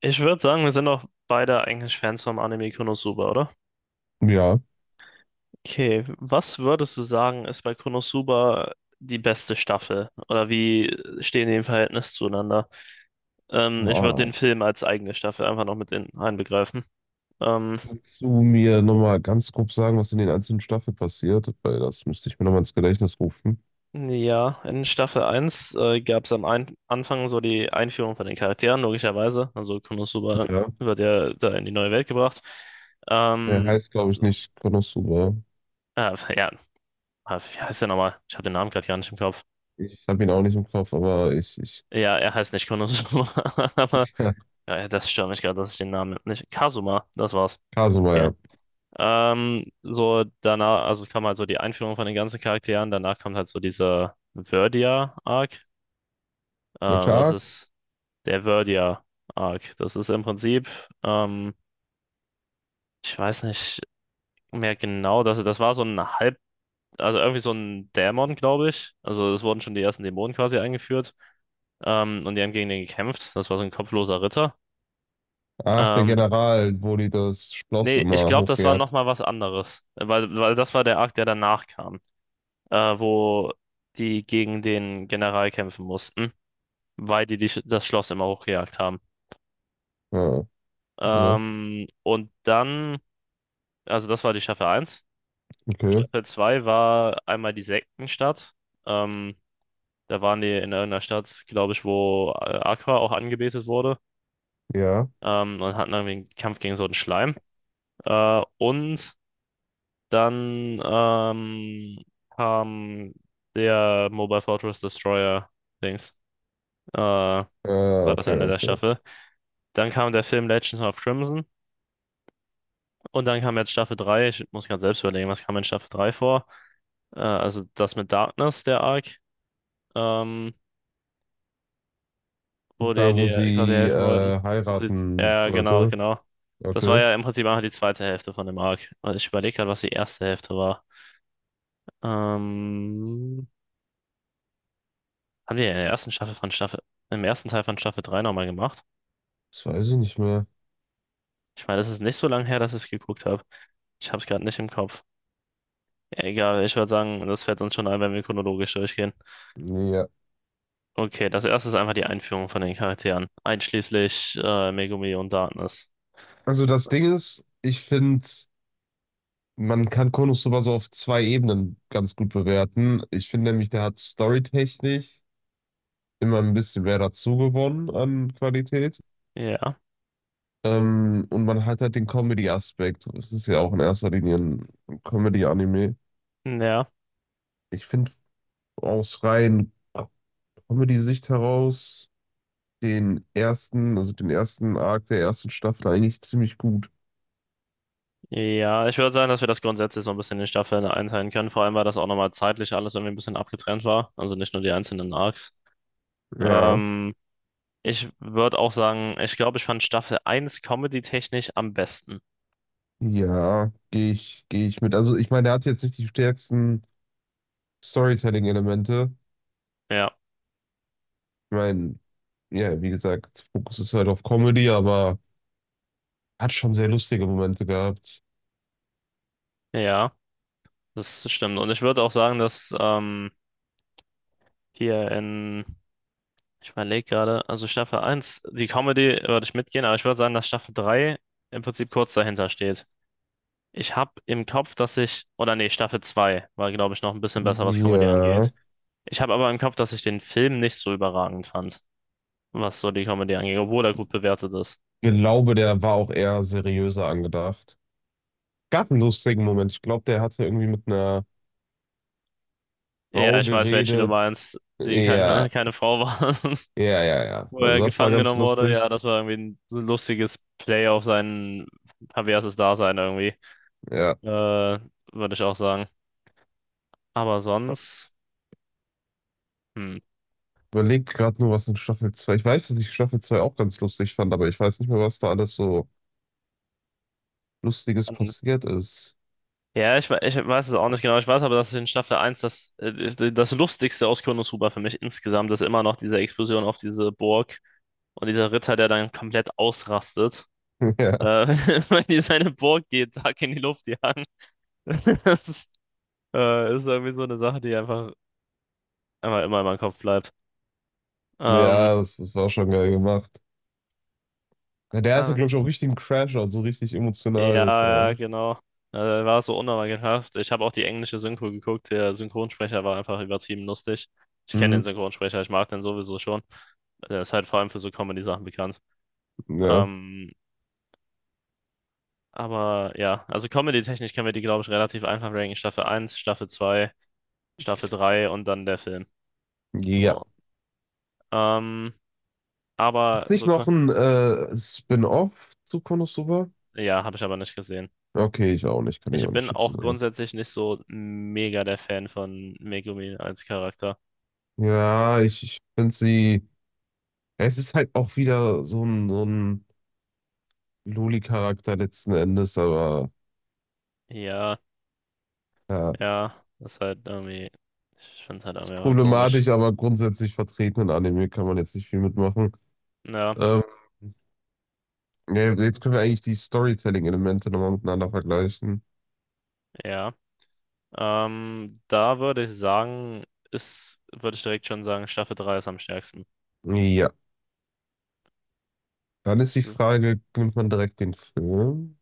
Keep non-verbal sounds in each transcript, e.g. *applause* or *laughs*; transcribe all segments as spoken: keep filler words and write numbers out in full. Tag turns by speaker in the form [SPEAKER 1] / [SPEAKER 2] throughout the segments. [SPEAKER 1] Ich würde sagen, wir sind auch beide eigentlich Fans vom Anime Konosuba, oder?
[SPEAKER 2] Ja.
[SPEAKER 1] Okay, was würdest du sagen, ist bei Konosuba die beste Staffel? Oder wie stehen die im Verhältnis zueinander? Ähm, ich würde
[SPEAKER 2] Ah,
[SPEAKER 1] den Film als eigene Staffel einfach noch mit in einbegreifen. Ähm,
[SPEAKER 2] kannst du mir nochmal ganz grob sagen, was in den einzelnen Staffeln passiert? Weil das müsste ich mir nochmal ins Gedächtnis rufen.
[SPEAKER 1] ja, in Staffel eins äh, gab es am ein Anfang so die Einführung von den Charakteren, logischerweise. Also Konosuba
[SPEAKER 2] Ja.
[SPEAKER 1] wird ja da in die neue Welt gebracht.
[SPEAKER 2] Er
[SPEAKER 1] Ähm,
[SPEAKER 2] heißt, glaube ich,
[SPEAKER 1] so.
[SPEAKER 2] nicht Konosuba.
[SPEAKER 1] Äh, ja, äh, wie heißt der nochmal? Ich habe den Namen gerade gar nicht im Kopf.
[SPEAKER 2] Ich habe ihn auch nicht im Kopf, aber ich, ich,
[SPEAKER 1] Ja, er heißt nicht Konosuba, *laughs* aber
[SPEAKER 2] ich, *laughs* ja.
[SPEAKER 1] ja, das stört mich gerade, dass ich den Namen nicht. Kazuma, das war's.
[SPEAKER 2] Kasuma,
[SPEAKER 1] Okay.
[SPEAKER 2] ja.
[SPEAKER 1] Ähm, so danach, also es kam halt so die Einführung von den ganzen Charakteren, danach kommt halt so dieser Verdia-Arc. Ähm,
[SPEAKER 2] Welcher
[SPEAKER 1] das
[SPEAKER 2] Arc?
[SPEAKER 1] ist der Verdia-Arc. Das ist im Prinzip, ähm, ich weiß nicht mehr genau, das, das war so ein halb, also irgendwie so ein Dämon, glaube ich. Also es wurden schon die ersten Dämonen quasi eingeführt. Ähm, und die haben gegen den gekämpft. Das war so ein kopfloser Ritter.
[SPEAKER 2] Ach, der
[SPEAKER 1] Ähm,
[SPEAKER 2] General, wo die das Schloss
[SPEAKER 1] Nee, ich
[SPEAKER 2] immer
[SPEAKER 1] glaube, das war
[SPEAKER 2] hochgejagt.
[SPEAKER 1] nochmal was anderes. Weil, weil das war der Arc, der danach kam, äh, wo die gegen den General kämpfen mussten, weil die, die das Schloss immer hochgejagt haben.
[SPEAKER 2] Ah, okay.
[SPEAKER 1] Ähm, und dann, also das war die Staffel eins.
[SPEAKER 2] Okay.
[SPEAKER 1] Staffel zwei war einmal die Sektenstadt. Ähm, Da waren die in irgendeiner Stadt, glaube ich, wo äh, Aqua auch angebetet wurde.
[SPEAKER 2] Ja.
[SPEAKER 1] Ähm, und hatten irgendwie einen Kampf gegen so einen Schleim. Äh, und Dann ähm, Kam der Mobile Fortress Destroyer Dings. Äh, das
[SPEAKER 2] Äh
[SPEAKER 1] war das
[SPEAKER 2] okay,
[SPEAKER 1] Ende der
[SPEAKER 2] okay.
[SPEAKER 1] Staffel. Dann kam der Film Legends of Crimson. Und dann kam jetzt Staffel drei. Ich muss gerade selbst überlegen, was kam in Staffel drei vor? Äh, also das mit Darkness, der Arc, ähm, wo die
[SPEAKER 2] Da, wo
[SPEAKER 1] dir quasi
[SPEAKER 2] sie
[SPEAKER 1] helfen wollten.
[SPEAKER 2] äh,
[SPEAKER 1] Wo sie,
[SPEAKER 2] heiraten
[SPEAKER 1] ja, ja, genau,
[SPEAKER 2] sollte.
[SPEAKER 1] genau. Das war
[SPEAKER 2] Okay.
[SPEAKER 1] ja im Prinzip einfach die zweite Hälfte von dem Arc. Also ich überlege gerade, was die erste Hälfte war. Ähm, Haben die in der ersten Staffel von Staffel, im ersten Teil von Staffel drei nochmal gemacht?
[SPEAKER 2] Das weiß ich nicht mehr.
[SPEAKER 1] Ich meine, das ist nicht so lange her, dass ich es geguckt habe. Ich habe es gerade nicht im Kopf. Egal, ich würde sagen, das fällt uns schon ein, wenn wir chronologisch durchgehen.
[SPEAKER 2] Ja,
[SPEAKER 1] Okay, das erste ist einfach die Einführung von den Charakteren, einschließlich äh, Megumi und Darkness.
[SPEAKER 2] also das Ding ist, ich finde, man kann Konosuba so auf zwei Ebenen ganz gut bewerten. Ich finde nämlich, der hat storytechnisch immer ein bisschen mehr dazu gewonnen an Qualität.
[SPEAKER 1] Ja,
[SPEAKER 2] Ähm, und man hat halt den Comedy-Aspekt. Das ist ja auch in erster Linie ein Comedy-Anime.
[SPEAKER 1] ja,
[SPEAKER 2] Ich finde aus rein Comedy-Sicht heraus den ersten, also den ersten Arc der ersten Staffel eigentlich ziemlich gut.
[SPEAKER 1] ja. Ich würde sagen, dass wir das grundsätzlich so ein bisschen in Staffeln einteilen können. Vor allem, weil das auch nochmal zeitlich alles irgendwie ein bisschen abgetrennt war. Also nicht nur die einzelnen Arcs.
[SPEAKER 2] Ja,
[SPEAKER 1] Ähm, Ich würde auch sagen, ich glaube, ich fand Staffel eins comedy-technisch am besten.
[SPEAKER 2] ja, gehe ich, gehe ich mit. Also ich meine, der hat jetzt nicht die stärksten Storytelling-Elemente.
[SPEAKER 1] Ja,
[SPEAKER 2] Ich meine, ja, wie gesagt, Fokus ist halt auf Comedy, aber hat schon sehr lustige Momente gehabt.
[SPEAKER 1] ja, das stimmt. Und ich würde auch sagen, dass ähm, hier in, ich überlege gerade, also Staffel eins die Comedy würde ich mitgehen, aber ich würde sagen, dass Staffel drei im Prinzip kurz dahinter steht. Ich habe im Kopf, dass ich, oder nee, Staffel zwei war, glaube ich, noch ein bisschen besser, was Comedy
[SPEAKER 2] Ja.
[SPEAKER 1] angeht. Ich habe aber im Kopf, dass ich den Film nicht so überragend fand, was so die Comedy angeht, obwohl er gut bewertet ist.
[SPEAKER 2] Ich glaube, der war auch eher seriöser angedacht. Gab einen lustigen Moment. Ich glaube, der hatte irgendwie mit einer
[SPEAKER 1] Ja,
[SPEAKER 2] Frau
[SPEAKER 1] ich weiß, welche du
[SPEAKER 2] geredet.
[SPEAKER 1] meinst, die keine,
[SPEAKER 2] Ja,
[SPEAKER 1] keine Frau war, *laughs*
[SPEAKER 2] ja, ja, ja.
[SPEAKER 1] wo
[SPEAKER 2] Also
[SPEAKER 1] er
[SPEAKER 2] das war
[SPEAKER 1] gefangen
[SPEAKER 2] ganz
[SPEAKER 1] genommen wurde. Ja,
[SPEAKER 2] lustig.
[SPEAKER 1] das war irgendwie ein, so ein lustiges Play auf sein perverses Dasein irgendwie.
[SPEAKER 2] Ja.
[SPEAKER 1] Äh, Würde ich auch sagen. Aber sonst, hm.
[SPEAKER 2] Überlegt gerade nur, was in Staffel zwei. Ich weiß, dass ich Staffel zwei auch ganz lustig fand, aber ich weiß nicht mehr, was da alles so Lustiges
[SPEAKER 1] An-
[SPEAKER 2] passiert ist.
[SPEAKER 1] Ja, ich, we- ich weiß es auch nicht genau. Ich weiß aber, dass in Staffel eins das, äh, das Lustigste aus Konosuba für mich insgesamt ist immer noch diese Explosion auf diese Burg und dieser Ritter, der dann komplett ausrastet,
[SPEAKER 2] *laughs* Ja.
[SPEAKER 1] äh, *laughs* wenn die seine Burg jeden Tag in die Luft jagen. *laughs* Das ist Äh, ist irgendwie so eine Sache, die einfach einmal immer in meinem Kopf bleibt. Ähm,
[SPEAKER 2] Ja, das, das war schon geil gemacht. Na, der hatte,
[SPEAKER 1] Ah,
[SPEAKER 2] glaube ich, auch richtig einen Crash, also richtig
[SPEAKER 1] ja,
[SPEAKER 2] emotional. Das
[SPEAKER 1] ja,
[SPEAKER 2] war.
[SPEAKER 1] genau. Äh, war so unnormalhaft. Ich habe auch die englische Synchro geguckt. Der Synchronsprecher war einfach übertrieben lustig. Ich kenne den
[SPEAKER 2] Mhm.
[SPEAKER 1] Synchronsprecher, ich mag den sowieso schon. Der ist halt vor allem für so Comedy-Sachen bekannt.
[SPEAKER 2] Ja.
[SPEAKER 1] Ähm, aber ja, also Comedy-technisch können wir die, glaube ich, relativ einfach ranken. Staffel eins, Staffel zwei, Staffel drei und dann der Film.
[SPEAKER 2] Ja.
[SPEAKER 1] So. Ähm, aber
[SPEAKER 2] Gibt's nicht
[SPEAKER 1] so, ko-
[SPEAKER 2] noch ein äh, Spin-off zu Konosuba?
[SPEAKER 1] ja, habe ich aber nicht gesehen.
[SPEAKER 2] Okay, ich auch nicht, kann ich
[SPEAKER 1] Ich
[SPEAKER 2] auch nicht
[SPEAKER 1] bin
[SPEAKER 2] viel zu
[SPEAKER 1] auch
[SPEAKER 2] sagen.
[SPEAKER 1] grundsätzlich nicht so mega der Fan von Megumi als Charakter.
[SPEAKER 2] Ja, ich, ich finde sie. Ja, es ist halt auch wieder so ein, so ein Loli-Charakter letzten Endes, aber
[SPEAKER 1] Ja,
[SPEAKER 2] ja, es
[SPEAKER 1] ja, das ist halt irgendwie, ich finde es halt
[SPEAKER 2] ist
[SPEAKER 1] irgendwie einfach komisch.
[SPEAKER 2] problematisch, aber grundsätzlich vertreten in Anime kann man jetzt nicht viel mitmachen.
[SPEAKER 1] Ja,
[SPEAKER 2] Ähm, ja, jetzt können wir eigentlich die Storytelling-Elemente nochmal miteinander vergleichen.
[SPEAKER 1] ja. Ähm, Da würde ich sagen, ist, würde ich direkt schon sagen, Staffel drei ist am stärksten.
[SPEAKER 2] Ja. Dann ist die
[SPEAKER 1] Es ist,
[SPEAKER 2] Frage, nimmt man direkt den Film?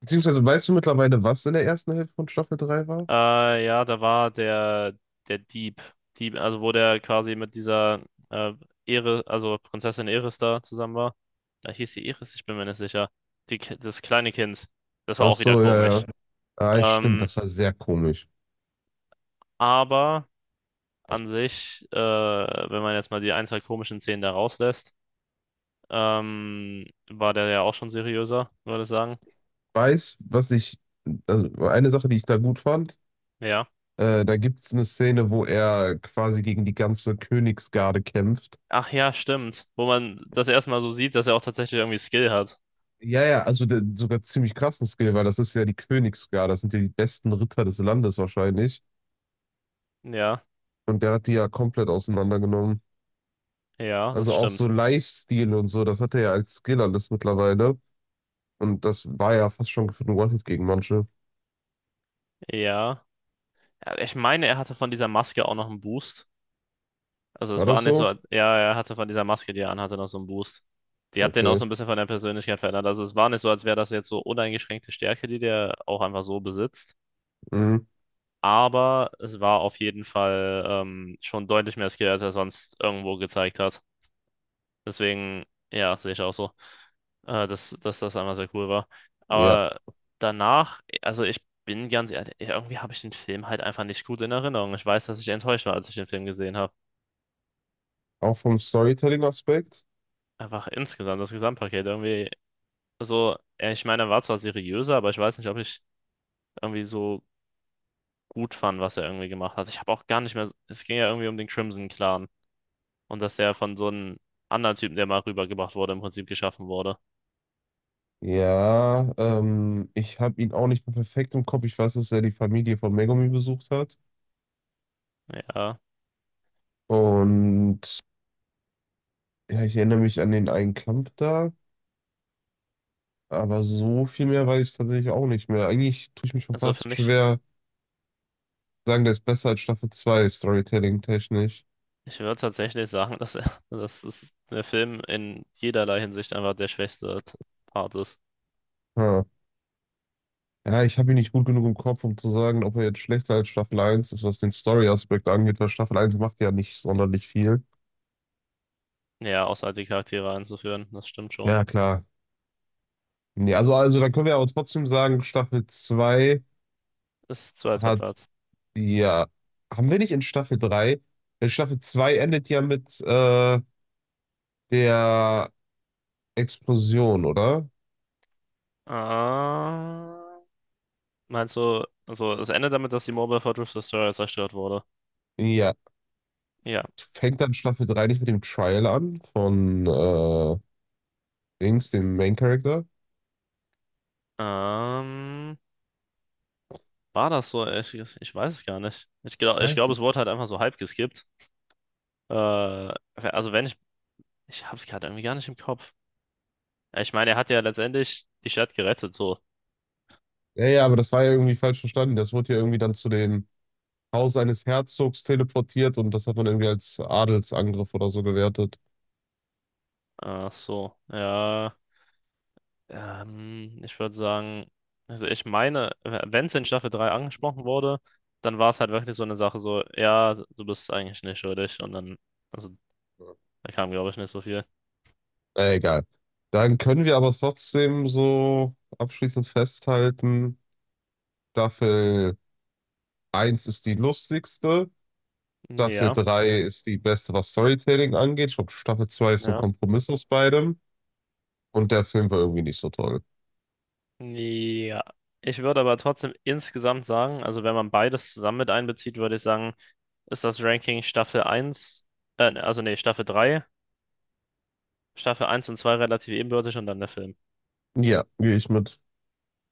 [SPEAKER 2] Beziehungsweise weißt du mittlerweile, was in der ersten Hälfte von Staffel drei war?
[SPEAKER 1] äh, ja, da war der, der Dieb, Dieb, also wo der quasi mit dieser äh, Ere, also Prinzessin Eris da zusammen war. Da hieß sie Eris, ich bin mir nicht sicher. Die, Ki- das kleine Kind, das war
[SPEAKER 2] Ach
[SPEAKER 1] auch wieder
[SPEAKER 2] so, ja,
[SPEAKER 1] komisch.
[SPEAKER 2] ja. Ah, stimmt,
[SPEAKER 1] Ähm,
[SPEAKER 2] das war sehr komisch.
[SPEAKER 1] aber an sich, äh, wenn man jetzt mal die ein, zwei komischen Szenen da rauslässt, ähm, war der ja auch schon seriöser, würde ich sagen.
[SPEAKER 2] Weiß, was ich, also eine Sache, die ich da gut fand,
[SPEAKER 1] Ja.
[SPEAKER 2] äh, da gibt es eine Szene, wo er quasi gegen die ganze Königsgarde kämpft.
[SPEAKER 1] Ach ja, stimmt. Wo man das erstmal so sieht, dass er auch tatsächlich irgendwie Skill hat.
[SPEAKER 2] Ja, ja, also der, sogar ziemlich krassen Skill, weil das ist ja die Königsgarde, das sind ja die besten Ritter des Landes wahrscheinlich.
[SPEAKER 1] Ja,
[SPEAKER 2] Und der hat die ja komplett auseinandergenommen.
[SPEAKER 1] ja, das
[SPEAKER 2] Also auch so
[SPEAKER 1] stimmt.
[SPEAKER 2] Lifestyle und so, das hat er ja als Skill alles mittlerweile. Und das war ja fast schon gefühlt ein One-Hit gegen manche.
[SPEAKER 1] Ja. Ja, ich meine, er hatte von dieser Maske auch noch einen Boost. Also es
[SPEAKER 2] War
[SPEAKER 1] war
[SPEAKER 2] das
[SPEAKER 1] nicht
[SPEAKER 2] so?
[SPEAKER 1] so, ja, er hatte von dieser Maske, die er anhatte, noch so einen Boost. Die hat den auch so
[SPEAKER 2] Okay.
[SPEAKER 1] ein bisschen von der Persönlichkeit verändert. Also es war nicht so, als wäre das jetzt so uneingeschränkte Stärke, die der auch einfach so besitzt.
[SPEAKER 2] Mhm.
[SPEAKER 1] Aber es war auf jeden Fall ähm, schon deutlich mehr Skill, als er sonst irgendwo gezeigt hat. Deswegen, ja, sehe ich auch so, äh, dass, dass das einmal sehr cool war.
[SPEAKER 2] Ja.
[SPEAKER 1] Aber danach, also ich bin ganz ehrlich, irgendwie habe ich den Film halt einfach nicht gut in Erinnerung. Ich weiß, dass ich enttäuscht war, als ich den Film gesehen habe.
[SPEAKER 2] Auch vom Storytelling-Aspekt.
[SPEAKER 1] Einfach insgesamt, das Gesamtpaket irgendwie so, äh, ich meine, er war zwar seriöser, aber ich weiß nicht, ob ich irgendwie so gut fand, was er irgendwie gemacht hat. Ich habe auch gar nicht mehr, es ging ja irgendwie um den Crimson Clan. Und dass der von so einem anderen Typen, der mal rübergebracht wurde, im Prinzip geschaffen wurde.
[SPEAKER 2] Ja, ähm, ich habe ihn auch nicht mehr perfekt im Kopf. Ich weiß, dass er die Familie von Megumi besucht hat.
[SPEAKER 1] Ja,
[SPEAKER 2] Und ja, ich erinnere mich an den einen Kampf da. Aber so viel mehr weiß ich tatsächlich auch nicht mehr. Eigentlich tue ich mich schon
[SPEAKER 1] also für
[SPEAKER 2] fast
[SPEAKER 1] mich,
[SPEAKER 2] schwer, sagen, der ist besser als Staffel zwei Storytelling-technisch.
[SPEAKER 1] ich würde tatsächlich sagen, dass er, *laughs* dass es der Film in jederlei Hinsicht einfach der schwächste T- Part ist.
[SPEAKER 2] Hm. Ja, ich habe ihn nicht gut genug im Kopf, um zu sagen, ob er jetzt schlechter als Staffel eins ist, was den Story-Aspekt angeht, weil Staffel eins macht ja nicht sonderlich viel.
[SPEAKER 1] Ja, außer halt die Charaktere einzuführen, das stimmt schon.
[SPEAKER 2] Ja, klar. Nee, also, also dann können wir aber trotzdem sagen, Staffel zwei
[SPEAKER 1] Ist zweiter
[SPEAKER 2] hat
[SPEAKER 1] Platz.
[SPEAKER 2] ja. Haben wir nicht in Staffel drei. Weil Staffel zwei endet ja mit äh, der Explosion, oder?
[SPEAKER 1] Ah, meinst du, also es endet damit, dass die Mobile Fortress Destroyer zerstört wurde?
[SPEAKER 2] Ja.
[SPEAKER 1] Ja.
[SPEAKER 2] Fängt dann Staffel drei nicht mit dem Trial an von äh, Dings, dem Main Character?
[SPEAKER 1] Ähm, War das so? Ich, ich weiß es gar nicht. Ich glaube, ich glaub,
[SPEAKER 2] Weiß
[SPEAKER 1] es
[SPEAKER 2] nicht.
[SPEAKER 1] wurde halt einfach so halb geskippt. Äh, also wenn ich Ich hab's gerade irgendwie gar nicht im Kopf. Ja, ich meine, er hat ja letztendlich die Stadt gerettet, so.
[SPEAKER 2] Ja, ja, aber das war ja irgendwie falsch verstanden. Das wurde ja irgendwie dann zu den Haus eines Herzogs teleportiert und das hat man irgendwie als Adelsangriff oder so gewertet.
[SPEAKER 1] Ach so, ja. Ähm, ich würde sagen, also ich meine, wenn es in Staffel drei angesprochen wurde, dann war es halt wirklich so eine Sache, so, ja, du bist eigentlich nicht schuldig. Und dann, also da kam, glaube ich, nicht so viel.
[SPEAKER 2] Na, egal. Dann können wir aber trotzdem so abschließend festhalten, Staffel eins ist die lustigste, Staffel
[SPEAKER 1] Ja,
[SPEAKER 2] drei ist die beste, was Storytelling angeht. Ich glaube, Staffel zwei ist so ein
[SPEAKER 1] ja.
[SPEAKER 2] Kompromiss aus beidem und der Film war irgendwie nicht so toll.
[SPEAKER 1] Ja. Ich würde aber trotzdem insgesamt sagen, also wenn man beides zusammen mit einbezieht, würde ich sagen, ist das Ranking Staffel eins. äh, also nee, Staffel drei. Staffel eins und zwei relativ ebenbürtig und dann der Film.
[SPEAKER 2] Ja, gehe ich mit.